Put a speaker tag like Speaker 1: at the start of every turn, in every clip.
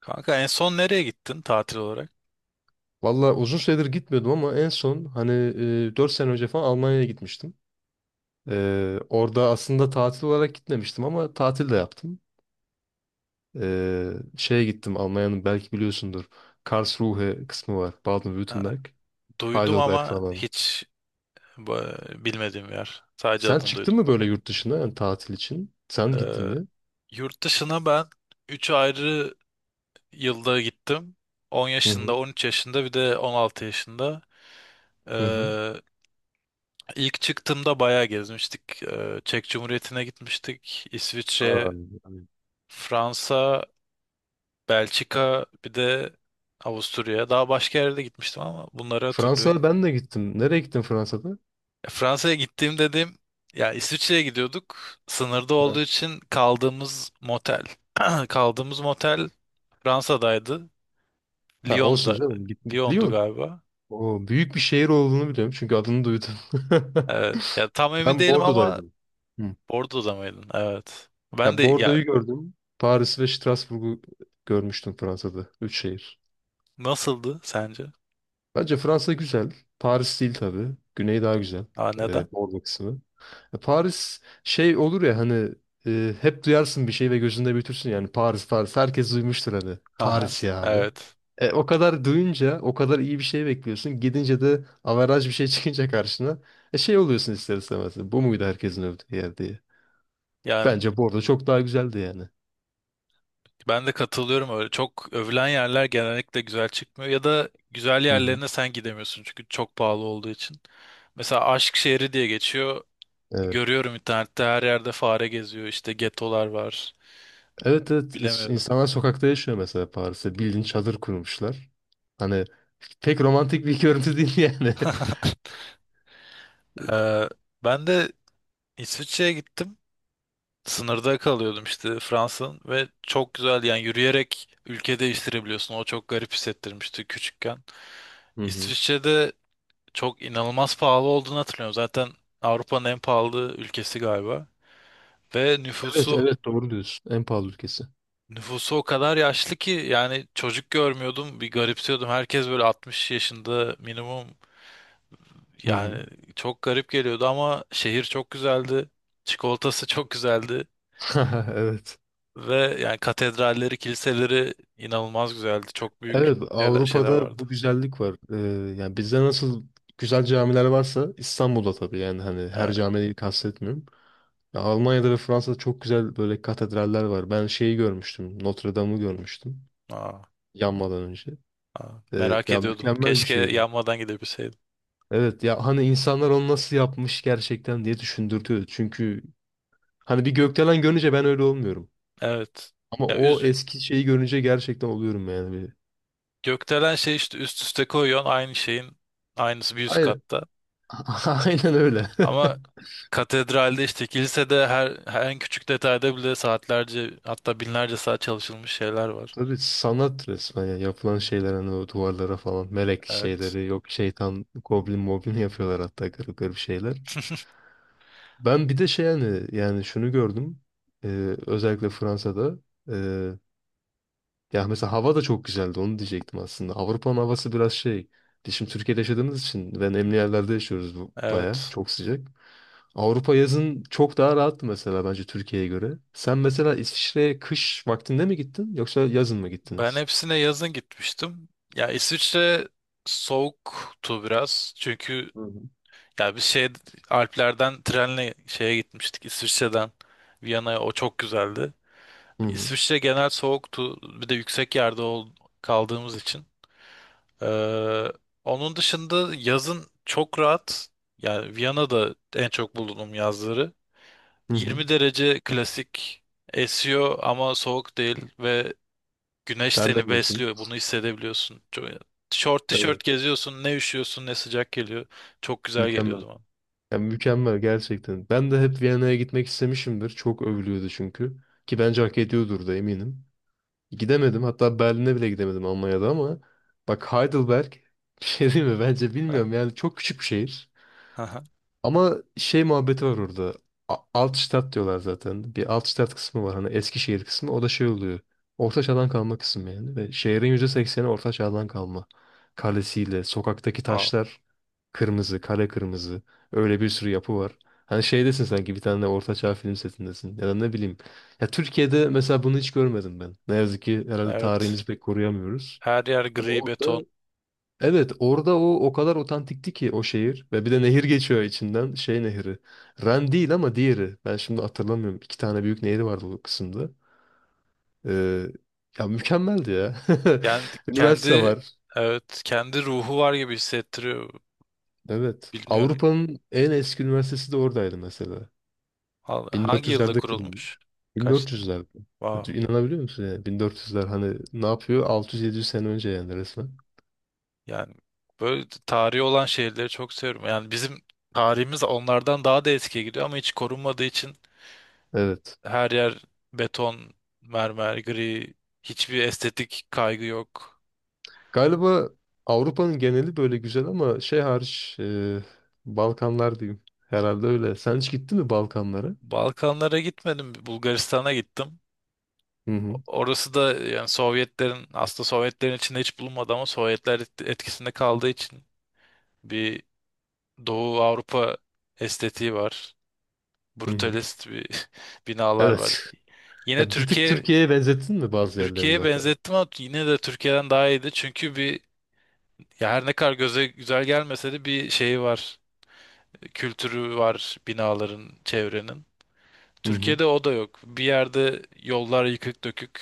Speaker 1: Kanka en son nereye gittin tatil olarak?
Speaker 2: Valla uzun süredir gitmiyordum ama en son hani 4 sene önce falan Almanya'ya gitmiştim. Orada aslında tatil olarak gitmemiştim ama tatil de yaptım. E, Şeye gittim Almanya'nın belki biliyorsundur. Karlsruhe kısmı var.
Speaker 1: Ha,
Speaker 2: Baden-Württemberg.
Speaker 1: duydum
Speaker 2: Heidelberg
Speaker 1: ama
Speaker 2: falan.
Speaker 1: hiç bilmediğim bir yer. Sadece
Speaker 2: Sen
Speaker 1: adını
Speaker 2: çıktın
Speaker 1: duydum.
Speaker 2: mı böyle yurt dışına yani tatil için? Sen gittin
Speaker 1: Ee,
Speaker 2: mi?
Speaker 1: Yurt dışına ben 3 ayrı yılda gittim. 10
Speaker 2: Hı hı.
Speaker 1: yaşında, 13 yaşında bir de 16 yaşında.
Speaker 2: Hı hı.
Speaker 1: Ee, ilk çıktığımda bayağı gezmiştik. Çek Cumhuriyeti'ne gitmiştik. İsviçre,
Speaker 2: Aa, evet.
Speaker 1: Fransa, Belçika bir de Avusturya. Daha başka yerde gitmiştim ama bunları
Speaker 2: Fransa'ya
Speaker 1: hatırlıyorum.
Speaker 2: ben de gittim. Nereye gittin Fransa'da?
Speaker 1: Fransa'ya gittiğim dediğim ya, İsviçre'ye gidiyorduk. Sınırda
Speaker 2: Ha.
Speaker 1: olduğu için kaldığımız motel. Kaldığımız motel Fransa'daydı.
Speaker 2: Ha, olsun
Speaker 1: Lyon'da,
Speaker 2: canım. Gittim.
Speaker 1: Lyon'du
Speaker 2: Lyon.
Speaker 1: galiba.
Speaker 2: O büyük bir şehir olduğunu biliyorum çünkü adını duydum.
Speaker 1: Evet. Ya tam emin
Speaker 2: Ben
Speaker 1: değilim ama
Speaker 2: Bordeaux'daydım. Hı.
Speaker 1: Bordeaux'da mıydın? Evet. Ben
Speaker 2: Ya
Speaker 1: de
Speaker 2: Bordeaux'u
Speaker 1: ya,
Speaker 2: gördüm. Paris ve Strasbourg'u görmüştüm Fransa'da. Üç şehir.
Speaker 1: nasıldı sence?
Speaker 2: Bence Fransa güzel. Paris değil tabii. Güney daha güzel.
Speaker 1: Aa, neden?
Speaker 2: Bordeaux kısmı. Ya Paris şey olur ya hani hep duyarsın bir şey ve gözünde büyütürsün yani Paris Paris. Herkes duymuştur hani.
Speaker 1: Aha.
Speaker 2: Paris ya abi.
Speaker 1: Evet.
Speaker 2: O kadar duyunca o kadar iyi bir şey bekliyorsun. Gidince de averaj bir şey çıkınca karşına şey oluyorsun ister istemez. Bu muydu herkesin övdüğü yer diye.
Speaker 1: Yani
Speaker 2: Bence Bordeaux çok daha güzeldi yani.
Speaker 1: ben de katılıyorum öyle. Çok övülen yerler genellikle güzel çıkmıyor ya da güzel
Speaker 2: Hı hı.
Speaker 1: yerlerine sen gidemiyorsun çünkü çok pahalı olduğu için. Mesela Aşk Şehri diye geçiyor.
Speaker 2: Evet.
Speaker 1: Görüyorum, internette her yerde fare geziyor, işte getolar var,
Speaker 2: Evet, evet,
Speaker 1: bilemiyorum.
Speaker 2: insanlar sokakta yaşıyor mesela Paris'te. Bildiğin çadır kurmuşlar. Hani pek romantik bir görüntü değil yani.
Speaker 1: Ee, Ben de İsviçre'ye gittim, sınırda kalıyordum işte Fransa'nın, ve çok güzel, yani yürüyerek ülke değiştirebiliyorsun, o çok garip hissettirmişti küçükken.
Speaker 2: Hı hı.
Speaker 1: İsviçre'de çok inanılmaz pahalı olduğunu hatırlıyorum, zaten Avrupa'nın en pahalı ülkesi galiba, ve
Speaker 2: Evet,
Speaker 1: nüfusu,
Speaker 2: evet, doğru diyorsun. En pahalı ülkesi.
Speaker 1: nüfusu o kadar yaşlı ki, yani çocuk görmüyordum, bir garipsiyordum. Herkes böyle 60 yaşında minimum.
Speaker 2: Hı hı.
Speaker 1: Yani çok garip geliyordu ama şehir çok güzeldi. Çikolatası çok güzeldi.
Speaker 2: Evet.
Speaker 1: Ve yani katedralleri, kiliseleri inanılmaz güzeldi. Çok büyük
Speaker 2: Evet,
Speaker 1: şeyler, şeyler
Speaker 2: Avrupa'da
Speaker 1: vardı.
Speaker 2: bu güzellik var. Yani bizde nasıl güzel camiler varsa İstanbul'da tabii yani hani her
Speaker 1: Evet.
Speaker 2: camiyi kastetmiyorum. Ya Almanya'da ve Fransa'da çok güzel böyle katedraller var. Ben şeyi görmüştüm. Notre Dame'ı görmüştüm
Speaker 1: Aa,
Speaker 2: yanmadan önce.
Speaker 1: aa, merak
Speaker 2: Ya
Speaker 1: ediyordum.
Speaker 2: mükemmel bir
Speaker 1: Keşke
Speaker 2: şeydi.
Speaker 1: yanmadan gidebilseydim.
Speaker 2: Evet ya hani insanlar onu nasıl yapmış gerçekten diye düşündürtüyor. Çünkü hani bir gökdelen görünce ben öyle olmuyorum.
Speaker 1: Evet.
Speaker 2: Ama
Speaker 1: Ya
Speaker 2: o
Speaker 1: üz
Speaker 2: eski şeyi görünce gerçekten oluyorum yani. Bir...
Speaker 1: Gökdelen şey, işte üst üste koyuyorsun, aynı şeyin aynısı bir üst
Speaker 2: Aynen.
Speaker 1: katta.
Speaker 2: Aynen öyle.
Speaker 1: Ama katedralde, işte kilisede, her, her en küçük detayda bile saatlerce, hatta binlerce saat çalışılmış şeyler var.
Speaker 2: Tabii sanat resmen ya. Yapılan şeyler hani o duvarlara falan melek
Speaker 1: Evet.
Speaker 2: şeyleri yok, şeytan, goblin moblin yapıyorlar hatta garip garip şeyler. Ben bir de şey yani şunu gördüm. Özellikle Fransa'da. Ya mesela hava da çok güzeldi onu diyecektim aslında. Avrupa'nın havası biraz şey. Biz şimdi Türkiye'de yaşadığımız için ve nemli yerlerde yaşıyoruz bu baya.
Speaker 1: Evet.
Speaker 2: Çok sıcak. Avrupa yazın çok daha rahattı mesela bence Türkiye'ye göre. Sen mesela İsviçre'ye kış vaktinde mi gittin yoksa yazın mı
Speaker 1: Ben
Speaker 2: gittiniz?
Speaker 1: hepsine yazın gitmiştim. Ya İsviçre soğuktu biraz. Çünkü
Speaker 2: Hı hı.
Speaker 1: ya biz şey Alplerden trenle şeye gitmiştik, İsviçre'den Viyana'ya. O çok güzeldi.
Speaker 2: Hı hı.
Speaker 1: İsviçre genel soğuktu. Bir de yüksek yerde kaldığımız için. Ee, Onun dışında yazın çok rahat. Yani Viyana'da en çok bulunduğum yazları.
Speaker 2: Hı hı.
Speaker 1: 20 derece, klasik esiyor ama soğuk değil, ve güneş seni
Speaker 2: Terlemiyorsun.
Speaker 1: besliyor. Bunu hissedebiliyorsun. Çok, short
Speaker 2: Evet.
Speaker 1: tişört geziyorsun. Ne üşüyorsun ne sıcak geliyor. Çok güzel geliyor o
Speaker 2: Mükemmel.
Speaker 1: zaman.
Speaker 2: Yani mükemmel gerçekten. Ben de hep Viyana'ya gitmek istemişimdir. Çok övülüyordu çünkü. Ki bence hak ediyordur da eminim. Gidemedim. Hatta Berlin'e bile gidemedim Almanya'da ama bak Heidelberg bir şey değil mi? Bence
Speaker 1: Ha,
Speaker 2: bilmiyorum yani çok küçük bir şehir.
Speaker 1: aha.
Speaker 2: Ama şey muhabbeti var orada. Altstadt diyorlar zaten. Bir Altstadt kısmı var. Hani Eskişehir kısmı. O da şey oluyor. Orta çağdan kalma kısmı yani. Ve şehrin %80'i orta çağdan kalma. Kalesiyle, sokaktaki
Speaker 1: Wow.
Speaker 2: taşlar kırmızı, kale kırmızı. Öyle bir sürü yapı var. Hani şeydesin sanki bir tane orta çağ film setindesin. Ya da ne bileyim. Ya Türkiye'de mesela bunu hiç görmedim ben. Ne yazık ki herhalde
Speaker 1: Evet.
Speaker 2: tarihimizi pek koruyamıyoruz.
Speaker 1: Her yer
Speaker 2: Ama
Speaker 1: gri beton.
Speaker 2: orada. Evet, orada o kadar otantikti ki o şehir ve bir de nehir geçiyor içinden şey nehri. Ren değil ama diğeri. Ben şimdi hatırlamıyorum. İki tane büyük nehri vardı bu kısımda. Ee, Ya mükemmeldi ya.
Speaker 1: Yani
Speaker 2: Üniversite
Speaker 1: kendi,
Speaker 2: var.
Speaker 1: evet, kendi ruhu var gibi hissettiriyor.
Speaker 2: Evet.
Speaker 1: Bilmiyorum.
Speaker 2: Avrupa'nın en eski üniversitesi de oradaydı mesela.
Speaker 1: Hangi yılda
Speaker 2: 1400'lerde
Speaker 1: kurulmuş?
Speaker 2: kurulmuş.
Speaker 1: Kaçtı?
Speaker 2: 1400'lerde.
Speaker 1: Wow.
Speaker 2: İnanabiliyor musun yani? 1400'ler hani ne yapıyor? 600-700 sene önce yani resmen.
Speaker 1: Yani böyle tarihi olan şehirleri çok seviyorum. Yani bizim tarihimiz onlardan daha da eskiye gidiyor ama hiç korunmadığı için.
Speaker 2: Evet.
Speaker 1: Her yer beton, mermer, gri. Hiçbir estetik kaygı yok.
Speaker 2: Galiba Avrupa'nın geneli böyle güzel ama şey hariç, Balkanlar diyeyim. Herhalde öyle. Sen hiç gittin mi Balkanlara?
Speaker 1: Balkanlara gitmedim. Bulgaristan'a gittim.
Speaker 2: Hı hı.
Speaker 1: Orası da yani Sovyetlerin, aslında Sovyetlerin içinde hiç bulunmadı ama Sovyetler etkisinde kaldığı için bir Doğu Avrupa estetiği var.
Speaker 2: Hı hı.
Speaker 1: Brutalist bir binalar var.
Speaker 2: Evet.
Speaker 1: Yine
Speaker 2: Ya bir tık
Speaker 1: Türkiye,
Speaker 2: Türkiye'ye benzettin mi bazı yerlerini
Speaker 1: Türkiye'ye
Speaker 2: mesela?
Speaker 1: benzettim ama yine de Türkiye'den daha iyiydi. Çünkü bir, ya her ne kadar göze güzel gelmese de bir şeyi var, kültürü var binaların, çevrenin.
Speaker 2: Hı hı.
Speaker 1: Türkiye'de o da yok. Bir yerde yollar yıkık dökük,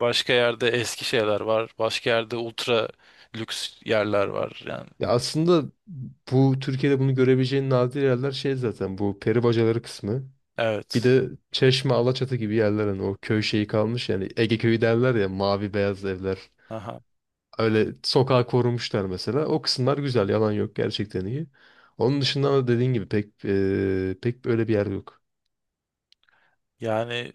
Speaker 1: başka yerde eski şeyler var, başka yerde ultra lüks yerler var. Yani
Speaker 2: Ya aslında bu Türkiye'de bunu görebileceğin nadir yerler şey zaten, bu peri bacaları kısmı. Bir
Speaker 1: evet.
Speaker 2: de Çeşme, Alaçatı gibi yerler hani o köy şeyi kalmış yani Ege köyü derler ya, mavi beyaz evler.
Speaker 1: Aha.
Speaker 2: Öyle sokağı korumuşlar mesela. O kısımlar güzel. Yalan yok. Gerçekten iyi. Onun dışında da dediğin gibi pek böyle bir yer yok.
Speaker 1: Yani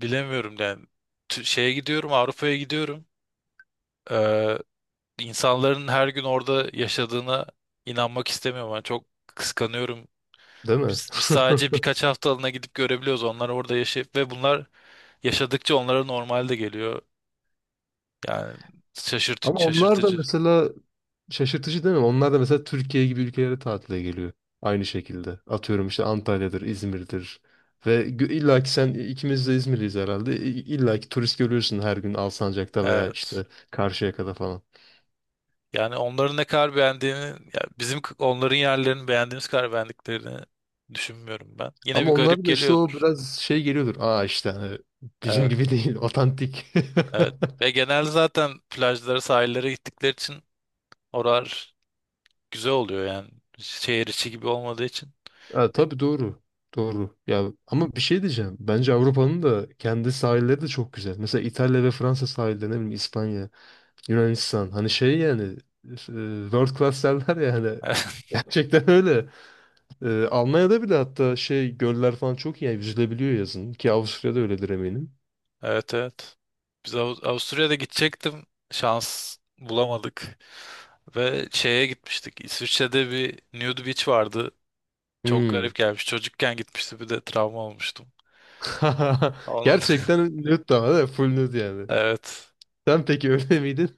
Speaker 1: bilemiyorum yani. Şeye gidiyorum, Avrupa'ya gidiyorum. Ee, insanların her gün orada yaşadığına inanmak istemiyorum. Yani çok kıskanıyorum.
Speaker 2: Değil mi?
Speaker 1: Biz sadece birkaç haftalığına gidip görebiliyoruz. Onlar orada yaşayıp, ve bunlar yaşadıkça onlara normal de geliyor. Yani
Speaker 2: Ama onlar da
Speaker 1: şaşırtıcı.
Speaker 2: mesela şaşırtıcı değil mi? Onlar da mesela Türkiye gibi ülkelere tatile geliyor. Aynı şekilde. Atıyorum işte Antalya'dır, İzmir'dir. Ve illa ki sen, ikimiz de İzmirliyiz herhalde. İlla ki turist görüyorsun her gün Alsancak'ta veya
Speaker 1: Evet.
Speaker 2: işte Karşıyaka'da falan.
Speaker 1: Yani onların ne kadar beğendiğini, ya bizim onların yerlerini beğendiğimiz kadar beğendiklerini düşünmüyorum ben. Yine
Speaker 2: Ama
Speaker 1: bir garip
Speaker 2: onlara da işte o
Speaker 1: geliyordur.
Speaker 2: biraz şey geliyordur. Aa işte hani bizim
Speaker 1: Evet,
Speaker 2: gibi değil, otantik.
Speaker 1: evet. Ve genelde zaten plajlara, sahillere gittikleri için oralar güzel oluyor yani. Şehir içi gibi olmadığı için.
Speaker 2: Ha, tabii doğru. Doğru. Ya ama bir şey diyeceğim. Bence Avrupa'nın da kendi sahilleri de çok güzel. Mesela İtalya ve Fransa sahilleri, ne bileyim İspanya, Yunanistan. Hani şey yani world class derler ya hani. Gerçekten öyle. Almanya'da bile hatta şey göller falan çok iyi. Yani yüzülebiliyor yazın. Ki Avusturya'da öyledir eminim.
Speaker 1: Evet, evet. Biz Avusturya'da gidecektim. Şans bulamadık. Ve şeye gitmiştik, İsviçre'de bir nude beach vardı. Çok garip
Speaker 2: Hmm.
Speaker 1: gelmiş. Çocukken gitmişti, bir de travma olmuştum. Onun
Speaker 2: Gerçekten nude ama değil mi? Full nude yani.
Speaker 1: evet.
Speaker 2: Sen peki öyle miydin?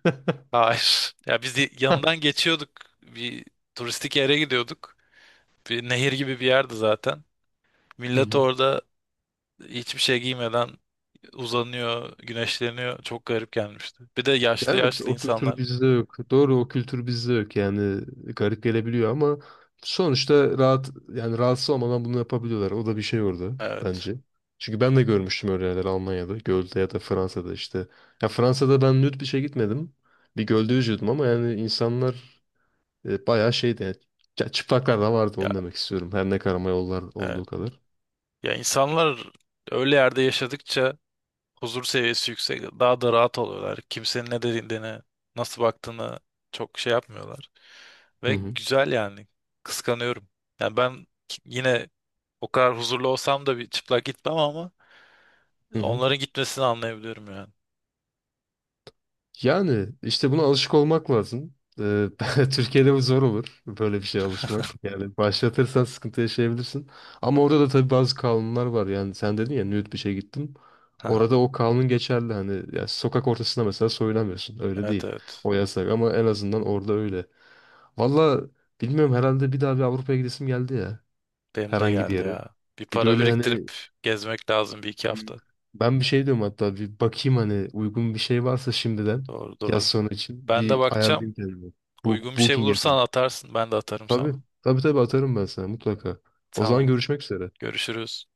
Speaker 1: Hayır. Ya biz yanından geçiyorduk. Bir turistik yere gidiyorduk. Bir nehir gibi bir yerdi zaten.
Speaker 2: Hı
Speaker 1: Millet
Speaker 2: hı.
Speaker 1: orada hiçbir şey giymeden uzanıyor, güneşleniyor. Çok garip gelmişti. Bir de
Speaker 2: Ya,
Speaker 1: yaşlı
Speaker 2: evet,
Speaker 1: yaşlı
Speaker 2: o kültür
Speaker 1: insanlar.
Speaker 2: bizde yok. Doğru, o kültür bizde yok yani garip gelebiliyor ama sonuçta rahat yani rahatsız olmadan bunu yapabiliyorlar. O da bir şey orada
Speaker 1: Evet.
Speaker 2: bence. Çünkü ben de görmüştüm öyle yerler Almanya'da, Göl'de ya da Fransa'da işte. Ya Fransa'da ben nüt bir şey gitmedim. Bir gölde yüzüyordum ama yani insanlar bayağı şeydi. Yani, ya çıplaklar da vardı
Speaker 1: Ya,
Speaker 2: onu demek istiyorum. Her ne karama yollar
Speaker 1: evet.
Speaker 2: olduğu kadar.
Speaker 1: Ya insanlar öyle yerde yaşadıkça huzur seviyesi yüksek. Daha da rahat oluyorlar. Kimsenin ne dediğini, nasıl baktığını çok şey yapmıyorlar.
Speaker 2: Hı
Speaker 1: Ve
Speaker 2: hı.
Speaker 1: güzel yani. Kıskanıyorum. Yani ben yine o kadar huzurlu olsam da bir çıplak gitmem ama
Speaker 2: Hı hı.
Speaker 1: onların gitmesini anlayabiliyorum yani.
Speaker 2: Yani işte buna alışık olmak lazım. Türkiye'de bu zor olur. Böyle bir şeye alışmak. Yani başlatırsan sıkıntı yaşayabilirsin. Ama orada da tabii bazı kanunlar var. Yani sen dedin ya, nude bir şey gittim.
Speaker 1: Haha.
Speaker 2: Orada o kanun geçerli. Hani ya sokak ortasında mesela soyunamıyorsun. Öyle
Speaker 1: Evet,
Speaker 2: değil.
Speaker 1: evet.
Speaker 2: O yasak ama en azından orada öyle. Valla bilmiyorum, herhalde bir daha bir Avrupa'ya gidesim geldi ya.
Speaker 1: Benim de
Speaker 2: Herhangi bir
Speaker 1: geldi
Speaker 2: yere.
Speaker 1: ya. Bir para
Speaker 2: Böyle
Speaker 1: biriktirip
Speaker 2: hani.
Speaker 1: gezmek lazım bir iki
Speaker 2: Hı.
Speaker 1: hafta.
Speaker 2: Ben bir şey diyorum, hatta bir bakayım hani uygun bir şey varsa şimdiden
Speaker 1: Doğru,
Speaker 2: yaz
Speaker 1: doğru.
Speaker 2: sonu için
Speaker 1: Ben de
Speaker 2: bir ayarlayayım
Speaker 1: bakacağım.
Speaker 2: kendimi.
Speaker 1: Uygun bir şey
Speaker 2: Booking
Speaker 1: bulursan
Speaker 2: yapayım.
Speaker 1: atarsın. Ben de atarım
Speaker 2: Tabii,
Speaker 1: sana.
Speaker 2: tabii, tabii, atarım ben sana mutlaka. O
Speaker 1: Tamam.
Speaker 2: zaman görüşmek üzere.
Speaker 1: Görüşürüz.